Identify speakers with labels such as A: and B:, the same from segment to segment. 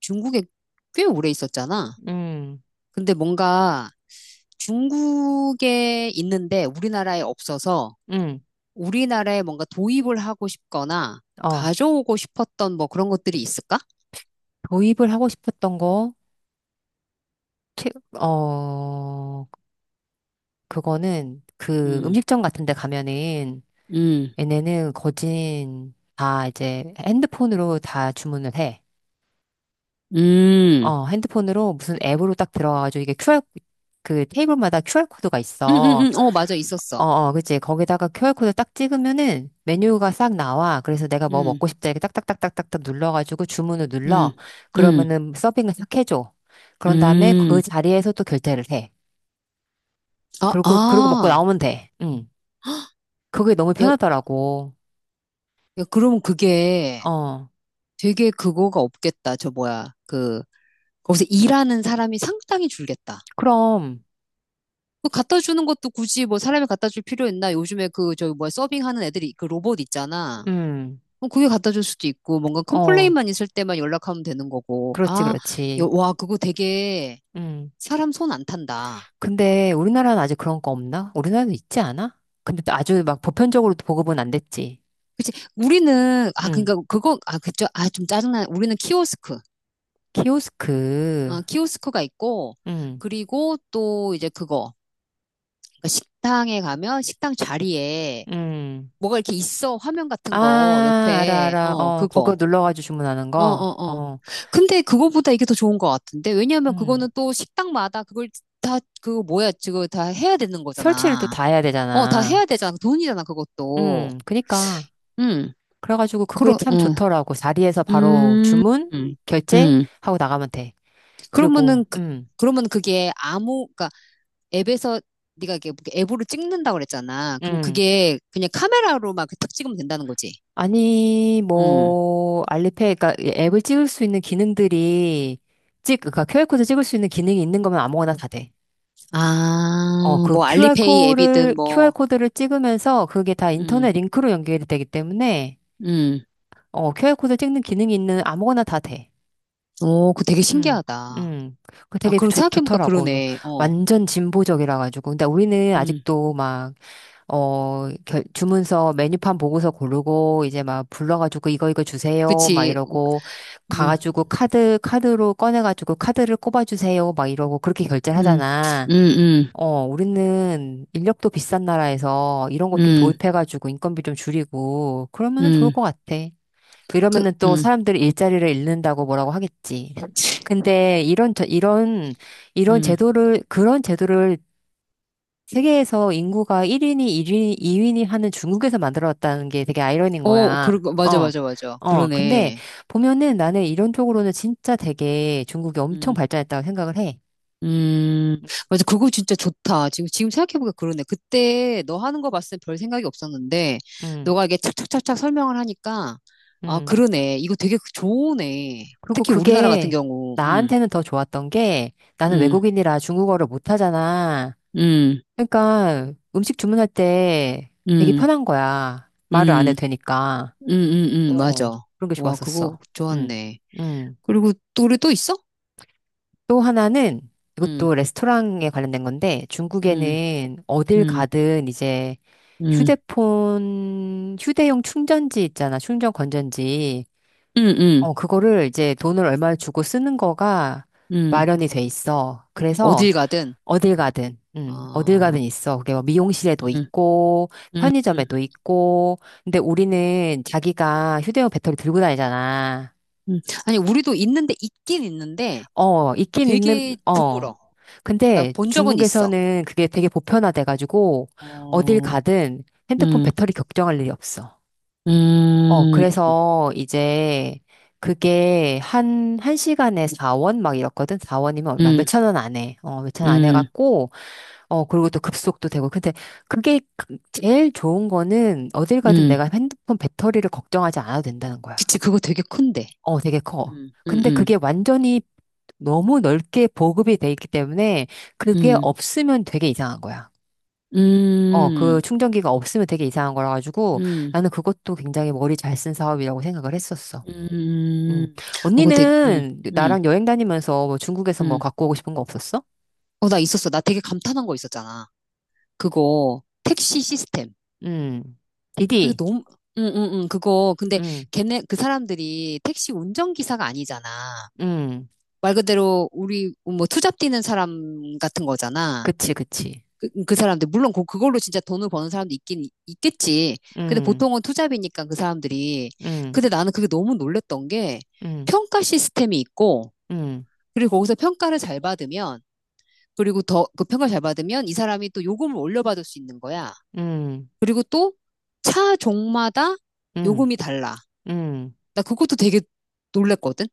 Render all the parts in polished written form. A: 중국에 꽤 오래 있었잖아.
B: 음,
A: 근데 뭔가 중국에 있는데 우리나라에 없어서
B: 음,
A: 우리나라에 뭔가 도입을 하고 싶거나
B: 어,
A: 가져오고 싶었던 뭐 그런 것들이 있을까?
B: 도입을 하고 싶었던 거, 최, 어, 그거는 그
A: 음,
B: 음식점 같은 데 가면은
A: 음,
B: 얘네는 거진 다 이제 핸드폰으로 다 주문을 해.
A: 음,
B: 어, 핸드폰으로 무슨 앱으로 딱 들어가가지고 이게 QR, 그 테이블마다 QR코드가 있어.
A: 어, 맞아,
B: 어,
A: 있었어.
B: 어, 그치. 거기다가 QR코드 딱 찍으면은 메뉴가 싹 나와. 그래서 내가 뭐
A: 음,
B: 먹고 싶다 이렇게 딱딱딱딱딱딱 눌러가지고 주문을 눌러.
A: 음, 음,
B: 그러면은 서빙을 싹 해줘. 그런 다음에 그
A: 음.
B: 자리에서 또 결제를 해.
A: 아,
B: 그리고, 그러고 먹고
A: 아,
B: 나오면 돼. 응. 그게 너무
A: 야,
B: 편하더라고.
A: 야, 그럼 그게
B: 어.
A: 되게 그거가 없겠다. 저 뭐야, 그, 거기서 일하는 사람이 상당히 줄겠다.
B: 그럼,
A: 그 갖다 주는 것도 굳이 뭐 사람이 갖다 줄 필요 있나? 요즘에 그 저기 뭐야 서빙하는 애들이 그 로봇 있잖아.
B: 음,
A: 어, 그게 갖다 줄 수도 있고 뭔가
B: 어.
A: 컴플레인만 있을 때만 연락하면 되는 거고.
B: 그렇지,
A: 아,
B: 그렇지.
A: 와 그거 되게
B: 음.
A: 사람 손 안 탄다.
B: 근데 우리나라는 아직 그런 거 없나? 우리나라도 있지 않아? 근데 또 아주 막 보편적으로 보급은 안 됐지.
A: 그치? 우리는 아
B: 응.
A: 그러니까 그거 아 그죠? 아 좀 짜증나. 우리는 키오스크.
B: 키오스크.
A: 어, 키오스크가 있고
B: 응.
A: 그리고 또 이제 그거 그러니까 식당에 가면 식당 자리에
B: 음.
A: 뭐가 이렇게 있어 화면 같은 거
B: 아, 알아,
A: 옆에
B: 알아.
A: 어
B: 어, 거기
A: 그거
B: 눌러가지고 주문하는
A: 어,
B: 거.
A: 어, 어.
B: 어,
A: 근데 그거보다 이게 더 좋은 것 같은데? 왜냐면
B: 음.
A: 그거는 또 식당마다 그걸 다, 그 뭐야, 지금 다 해야 되는
B: 설치를 또
A: 거잖아.
B: 다 해야
A: 어, 다 해야
B: 되잖아.
A: 되잖아. 그 돈이잖아, 그것도.
B: 그니까.
A: 응,
B: 그래가지고 그게
A: 그러,
B: 참
A: 응,
B: 좋더라고. 자리에서 바로
A: 음,
B: 주문, 결제
A: 음.
B: 하고 나가면 돼.
A: 그러면은,
B: 그리고,
A: 그, 그러면 그게 아무, 그니까 앱에서 네가 이게 뭐 앱으로 찍는다고 그랬잖아. 그럼
B: 음.
A: 그게 그냥 카메라로 막 딱 찍으면 된다는 거지.
B: 아니,
A: 응.
B: 뭐, 알리페이, 그니까 앱을 찍을 수 있는 기능들이, 그니까 QR코드 찍을 수 있는 기능이 있는 거면 아무거나 다 돼. 어,
A: 아,
B: 그
A: 뭐
B: QR
A: 알리페이
B: 코드를,
A: 앱이든
B: QR
A: 뭐,
B: 코드를 찍으면서 그게 다
A: 음,
B: 인터넷 링크로 연결이 되기 때문에,
A: 음.
B: 어, QR 코드 찍는 기능이 있는 아무거나 다 돼.
A: 오, 그거 되게
B: 음,
A: 신기하다.
B: 음. 그
A: 아,
B: 되게
A: 그럼 생각해보니까
B: 좋더라고. 이거
A: 그러네. 어.
B: 완전 진보적이라 가지고. 근데 우리는
A: 음,
B: 아직도 막, 주문서 메뉴판 보고서 고르고, 이제 막 불러가지고 이거 이거 주세요. 막
A: 그치. 어,
B: 이러고,
A: 음,
B: 가가지고 카드로 꺼내가지고 카드를 꼽아주세요. 막 이러고 그렇게 결제를
A: 음,
B: 하잖아.
A: 음, 음,
B: 어, 우리는 인력도 비싼 나라에서 이런 것 좀
A: 음,
B: 도입해가지고 인건비 좀 줄이고 그러면은 좋을
A: 음.
B: 것 같아.
A: 그,
B: 이러면은 또 사람들이 일자리를 잃는다고 뭐라고 하겠지. 근데 이런
A: 음,
B: 제도를, 그런 제도를 세계에서 인구가 1인이 1위 2인이 하는 중국에서 만들어왔다는 게 되게 아이러니인
A: 어,
B: 거야.
A: 그러고, 맞아,
B: 어.
A: 맞아, 맞아.
B: 어, 근데
A: 그러네.
B: 보면은 나는 이런 쪽으로는 진짜 되게 중국이 엄청
A: 음,
B: 발전했다고 생각을 해.
A: 음,
B: 음,
A: 맞아. 그거 진짜 좋다. 지금 생각해보니까 그러네. 그때 너 하는 거 봤을 때 별 생각이 없었는데,
B: 음.
A: 너가 이게 착착착착 설명을 하니까, 아,
B: 음.
A: 그러네. 이거 되게 좋으네.
B: 그리고
A: 특히 우리나라 같은
B: 그게
A: 경우,
B: 나한테는 더 좋았던 게 나는
A: 음,
B: 외국인이라 중국어를 못하잖아.
A: 음,
B: 그러니까 음식 주문할 때 되게
A: 음,
B: 편한 거야. 말을 안
A: 음.
B: 해도 되니까.
A: 응응응
B: 어,
A: 맞아.
B: 그런 게
A: 와 그거
B: 좋았었어. 음,
A: 좋았네.
B: 음.
A: 그리고 또래또 있어?
B: 또 하나는
A: 응,
B: 이것도 레스토랑에 관련된 건데
A: 응,
B: 중국에는 어딜
A: 응,
B: 가든 이제
A: 응,
B: 휴대용 충전지 있잖아. 충전 건전지.
A: 응, 응,
B: 어, 그거를 이제 돈을 얼마 주고 쓰는 거가
A: 응.
B: 마련이 돼 있어. 그래서
A: 어딜 가든.
B: 어딜
A: 아,
B: 가든 있어. 그게 뭐 미용실에도
A: 응,
B: 있고,
A: 응, 응,
B: 편의점에도 있고. 근데 우리는 자기가 휴대용 배터리 들고 다니잖아.
A: 응. 아니 우리도 있는데 있긴 있는데
B: 어, 있긴 있는,
A: 되게
B: 어.
A: 드물어. 나
B: 근데
A: 본 적은 있어.
B: 중국에서는 그게 되게 보편화돼가지고, 어딜
A: 어,
B: 가든 핸드폰
A: 응,
B: 배터리 걱정할 일이 없어. 어,
A: 음,
B: 그래서 이제 그게 한, 한 시간에 4원 막 이렇거든? 4원이면 얼마?
A: 응,
B: 몇천 원 안 해. 어, 몇천 원 안
A: 응,
B: 해갖고, 어, 그리고 또 급속도 되고. 근데 그게 제일 좋은 거는 어딜 가든
A: 응.
B: 내가 핸드폰 배터리를 걱정하지 않아도 된다는 거야.
A: 그치 그거 되게 큰데.
B: 어, 되게 커.
A: 응, 응,
B: 근데
A: 응,
B: 그게 완전히 너무 넓게 보급이 돼 있기 때문에 그게
A: 응,
B: 없으면 되게 이상한 거야. 어, 그
A: 응,
B: 충전기가 없으면 되게 이상한 거라 가지고
A: 응.
B: 나는 그것도 굉장히 머리 잘 쓴 사업이라고 생각을 했었어. 음.
A: 음, 어, 근데,
B: 언니는
A: 음,
B: 나랑 여행 다니면서 뭐 중국에서 뭐
A: 음.
B: 갖고 오고 싶은 거 없었어?
A: 어, 나 있었어. 나 되게 감탄한 거 있었잖아. 그거, 택시 시스템.
B: 음.
A: 그게
B: 디디.
A: 너무, 응, 응, 응, 그거. 근데
B: 음.
A: 걔네, 그 사람들이 택시 운전기사가 아니잖아.
B: 음.
A: 말 그대로 우리, 뭐, 투잡 뛰는 사람 같은 거잖아.
B: 그치, 그치.
A: 그 사람들. 물론 그걸로 진짜 돈을 버는 사람도 있긴, 있겠지. 근데
B: 음.
A: 보통은 투잡이니까 그 사람들이.
B: 음.
A: 근데 나는 그게 너무 놀랬던 게
B: 음.
A: 평가 시스템이 있고,
B: 음.
A: 그리고 거기서 평가를 잘 받으면 그리고 더 그 평가를 잘 받으면 이 사람이 또 요금을 올려받을 수 있는 거야.
B: 음.
A: 그리고 또 차 종마다
B: 음.
A: 요금이 달라.
B: 음.
A: 나 그것도 되게 놀랬거든.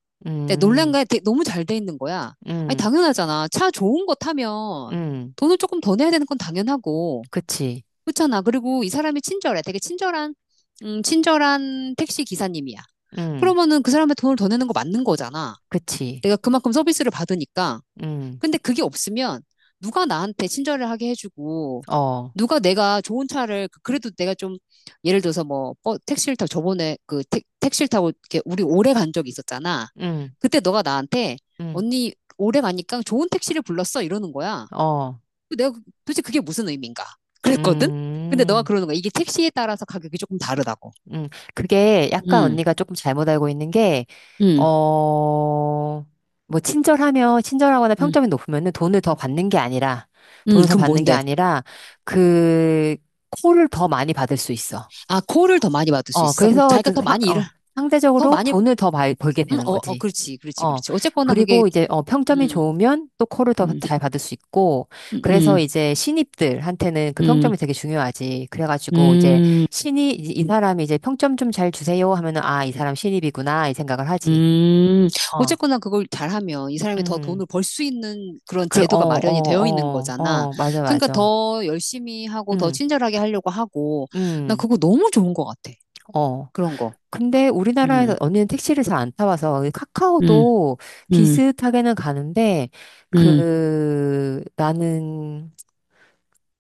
A: 근데 놀란
B: 음.
A: 거야. 되게 너무 잘 돼 있는 거야. 아니
B: 음.
A: 당연하잖아. 차 좋은 거 타면
B: 음.
A: 돈을 조금 더 내야 되는 건 당연하고
B: 그치.
A: 그렇잖아. 그리고 이 사람이 친절해. 되게 친절한 친절한 택시 기사님이야.
B: 음.
A: 그러면은 그 사람의 돈을 더 내는 거 맞는 거잖아.
B: 그치.
A: 내가 그만큼 서비스를 받으니까.
B: 음.
A: 근데 그게 없으면 누가 나한테 친절을 하게 해주고
B: 어.
A: 누가 내가 좋은 차를 그래도 내가 좀 예를 들어서 뭐 택시를 타고 저번에 그 택, 택시를 타고 이렇게 우리 오래 간 적이 있었잖아.
B: 음.
A: 그때 너가 나한테
B: 음.
A: 언니 오래 가니까 좋은 택시를 불렀어 이러는 거야.
B: 어.
A: 그 내가 도대체 그게 무슨 의미인가? 그랬거든? 근데 너가
B: 음.
A: 그러는 거야. 이게 택시에 따라서 가격이 조금 다르다고.
B: 음, 그게 약간
A: 음,
B: 언니가 조금 잘못 알고 있는 게,
A: 음,
B: 어, 뭐, 친절하거나
A: 음,
B: 평점이 높으면은 돈을 더 받는 게 아니라, 돈을 더
A: 그럼
B: 받는 게
A: 뭔데?
B: 아니라, 그, 콜을 더 많이 받을 수 있어.
A: 아, 콜을 더 많이 받을 수
B: 어,
A: 있어. 그럼
B: 그래서
A: 자기가 더 많이 일을 더
B: 상대적으로
A: 많이
B: 돈을 더 많이 벌게 되는
A: 어, 어,
B: 거지.
A: 그렇지, 그렇지,
B: 어,
A: 그렇지. 어쨌거나 그게
B: 그리고 이제 평점이
A: 음,
B: 좋으면 또 콜을 더
A: 음,
B: 잘 받을 수 있고,
A: 음,
B: 그래서
A: 음,
B: 이제 신입들한테는 그
A: 음.
B: 평점이 되게 중요하지. 그래가지고 이제
A: 음.
B: 이 사람이 이제 평점 좀 잘 주세요 하면은, 아, 이 사람 신입이구나, 이 생각을 하지.
A: 음,
B: 어,
A: 어쨌거나 그걸 잘하면 이 사람이 더
B: 음,
A: 돈을 벌 수 있는 그런
B: 그, 어,
A: 제도가 마련이 되어 있는
B: 어, 어,
A: 거잖아.
B: 어, 맞아,
A: 그러니까
B: 맞아.
A: 더 열심히 하고 더
B: 음,
A: 친절하게 하려고 하고, 나
B: 음,
A: 그거 너무 좋은 것 같아.
B: 어.
A: 그런 거.
B: 근데 우리나라에서
A: 음,
B: 언니는 택시를 잘 안 타봐서 이
A: 음,
B: 카카오도
A: 음,
B: 비슷하게는 가는데
A: 음,
B: 그 나는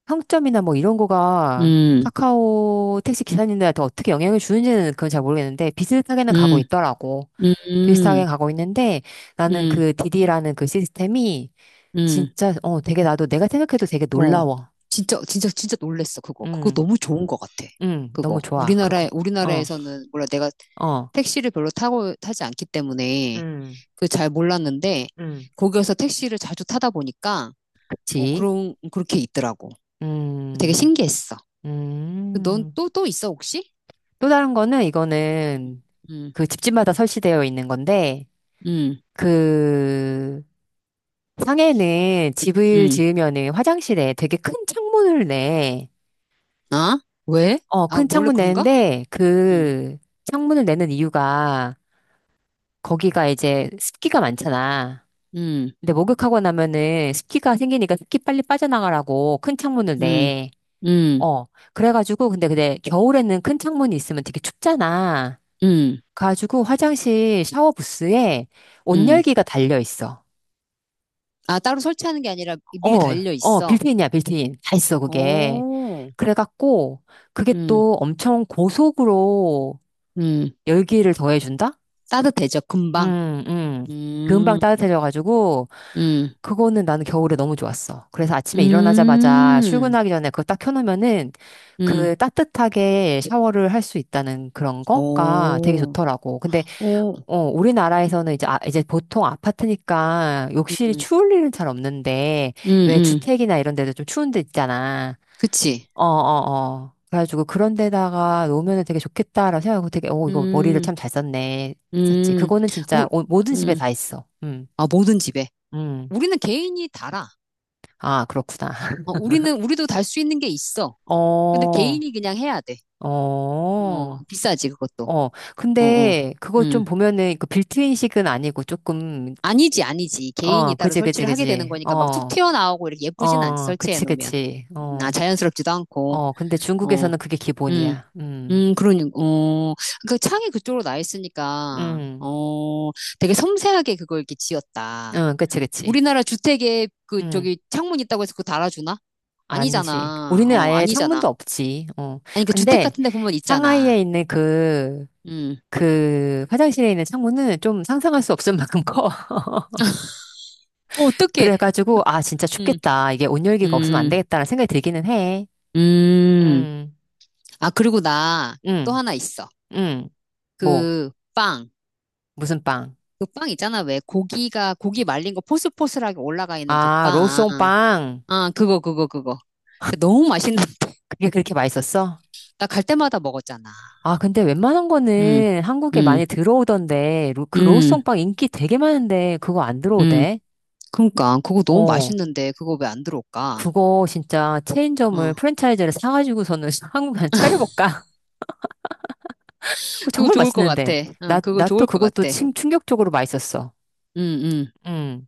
B: 평점이나 뭐 이런 거가
A: 음,
B: 카카오 택시 기사님들한테 어떻게 영향을 주는지는 그건 잘 모르겠는데 비슷하게는 가고
A: 음,
B: 있더라고.
A: 음,
B: 비슷하게 가고 있는데
A: 음,
B: 나는
A: 음,
B: 그 디디라는 그 시스템이
A: 음.
B: 진짜 되게 나도 내가 생각해도 되게
A: 어.
B: 놀라워.
A: 진짜, 진짜, 진짜 놀랬어, 그거. 그거
B: 음,
A: 너무 좋은 것 같아. 그거.
B: 너무 좋아
A: 우리나라에,
B: 그거. 어,
A: 우리나라에서는, 몰라, 내가
B: 어,
A: 택시를 별로 타지 않기 때문에,
B: 음,
A: 그 잘 몰랐는데,
B: 음,
A: 거기에서 택시를 자주 타다 보니까, 어,
B: 그치.
A: 그렇게 있더라고. 되게
B: 음.
A: 신기했어. 넌
B: 음.
A: 또, 또 있어, 혹시?
B: 또 다른 거는 이거는
A: 응,
B: 그 집집마다 설치되어 있는 건데
A: 응,
B: 그 상해는 집을
A: 응.
B: 지으면은 화장실에 되게 큰 창문을 내.
A: 아? 왜?
B: 어,
A: 아,
B: 큰
A: 몰래
B: 창문
A: 그런가?
B: 내는데
A: 응,
B: 그 창문을 내는 이유가 거기가 이제 습기가 많잖아.
A: 응,
B: 근데 목욕하고 나면은 습기가 생기니까 습기 빨리 빠져나가라고 큰 창문을
A: 응,
B: 내.
A: 응,
B: 어, 그래가지고 근데 겨울에는 큰 창문이 있으면 되게 춥잖아.
A: 응,
B: 가지고 화장실 샤워 부스에
A: 응.
B: 온열기가 달려 있어.
A: 아, 따로 설치하는 게 아니라 미리
B: 어,
A: 달려
B: 어,
A: 있어.
B: 빌트인이야, 빌트인. 다 있어, 그게.
A: 오.
B: 그래갖고, 그게
A: 음,
B: 또 엄청 고속으로
A: 음.
B: 열기를 더해준다?
A: 따뜻해져, 금방.
B: 음, 음. 금방
A: 음,
B: 따뜻해져가지고,
A: 음,
B: 그거는 나는 겨울에 너무 좋았어. 그래서 아침에 일어나자마자
A: 음,
B: 출근하기 전에 그거 딱 켜놓으면은
A: 음.
B: 그 따뜻하게 샤워를 할 수 있다는 그런 거가 되게
A: 오,
B: 좋더라고. 근데
A: 오,
B: 우리나라에서는 이제, 아, 이제 보통 아파트니까 욕실이
A: 음,
B: 추울 일은 잘 없는데,
A: 음,
B: 왜
A: 음.
B: 주택이나 이런 데도 좀 추운 데 있잖아.
A: 그치.
B: 어, 어, 어. 그래가지고 그런 데다가 놓으면 되게 좋겠다라고 생각하고 되게, 이거 머리를
A: 음,
B: 참 잘 썼네. 했었지.
A: 음.
B: 그거는 진짜
A: 우,
B: 모든 집에
A: 음.
B: 다 있어.
A: 아, 모든 집에.
B: 음.
A: 우리는 개인이 달아.
B: 아, 그렇구나.
A: 어, 우리도 달 수 있는 게 있어. 근데
B: 어,
A: 개인이 그냥 해야 돼.
B: 어,
A: 어, 비싸지, 그것도.
B: 어.
A: 어, 어.
B: 근데 그거
A: 음.
B: 좀 보면은 그 빌트인식은 아니고 조금,
A: 아니지, 아니지. 개인이
B: 어,
A: 따로
B: 그지, 그지,
A: 설치를 하게 되는
B: 그지.
A: 거니까 막 툭
B: 어.
A: 튀어나오고 이렇게 예쁘진 않지,
B: 어,
A: 설치해
B: 그치,
A: 놓으면.
B: 그치.
A: 아,
B: 어,
A: 자연스럽지도 않고.
B: 어, 근데
A: 어,
B: 중국에서는 그게
A: 음,
B: 기본이야.
A: 그러니, 어, 그 창이 그쪽으로 나 있으니까,
B: 음,
A: 어, 되게 섬세하게 그걸 이렇게 지었다.
B: 응, 그치, 그치.
A: 우리나라 주택에 그,
B: 음,
A: 저기, 창문 있다고 해서 그거 달아주나?
B: 아니지.
A: 아니잖아.
B: 우리는
A: 어,
B: 아예
A: 아니잖아.
B: 창문도 없지. 어,
A: 아니, 그 주택
B: 근데
A: 같은 데 보면
B: 상하이에
A: 있잖아.
B: 있는
A: 음,
B: 그 화장실에 있는 창문은 좀 상상할 수 없을 만큼 커.
A: 어, 어떡해.
B: 그래가지고, 아, 진짜
A: 음,
B: 춥겠다. 이게 온열기가 없으면 안
A: 음,
B: 되겠다라는 생각이 들기는 해.
A: 음.
B: 음,
A: 아, 그리고 나 또
B: 음,
A: 하나 있어.
B: 음. 뭐,
A: 그, 빵.
B: 무슨 빵?
A: 그 빵 있잖아. 왜 고기 말린 거 포슬포슬하게 올라가 있는 그
B: 아,
A: 빵.
B: 로송빵.
A: 아, 그거, 그거, 그거. 근데 너무 맛있는,
B: 그게 그렇게 맛있었어?
A: 나 갈 때마다 먹었잖아.
B: 아, 근데 웬만한
A: 응,
B: 거는 한국에 많이
A: 응,
B: 들어오던데, 그
A: 응,
B: 로우송빵 인기 되게 많은데, 그거 안
A: 응.
B: 들어오대?
A: 그러니까, 그거 너무
B: 어,
A: 맛있는데, 그거 왜 안 들어올까?
B: 그거 진짜
A: 응.
B: 프랜차이즈를 사가지고서는 한국에 한 차려볼까? 그거
A: 그거
B: 정말
A: 좋을 것 같아.
B: 맛있는데.
A: 응, 그거
B: 나 또
A: 좋을 것
B: 그것도
A: 같아. 응,
B: 충격적으로 맛있었어.
A: 응.
B: 응.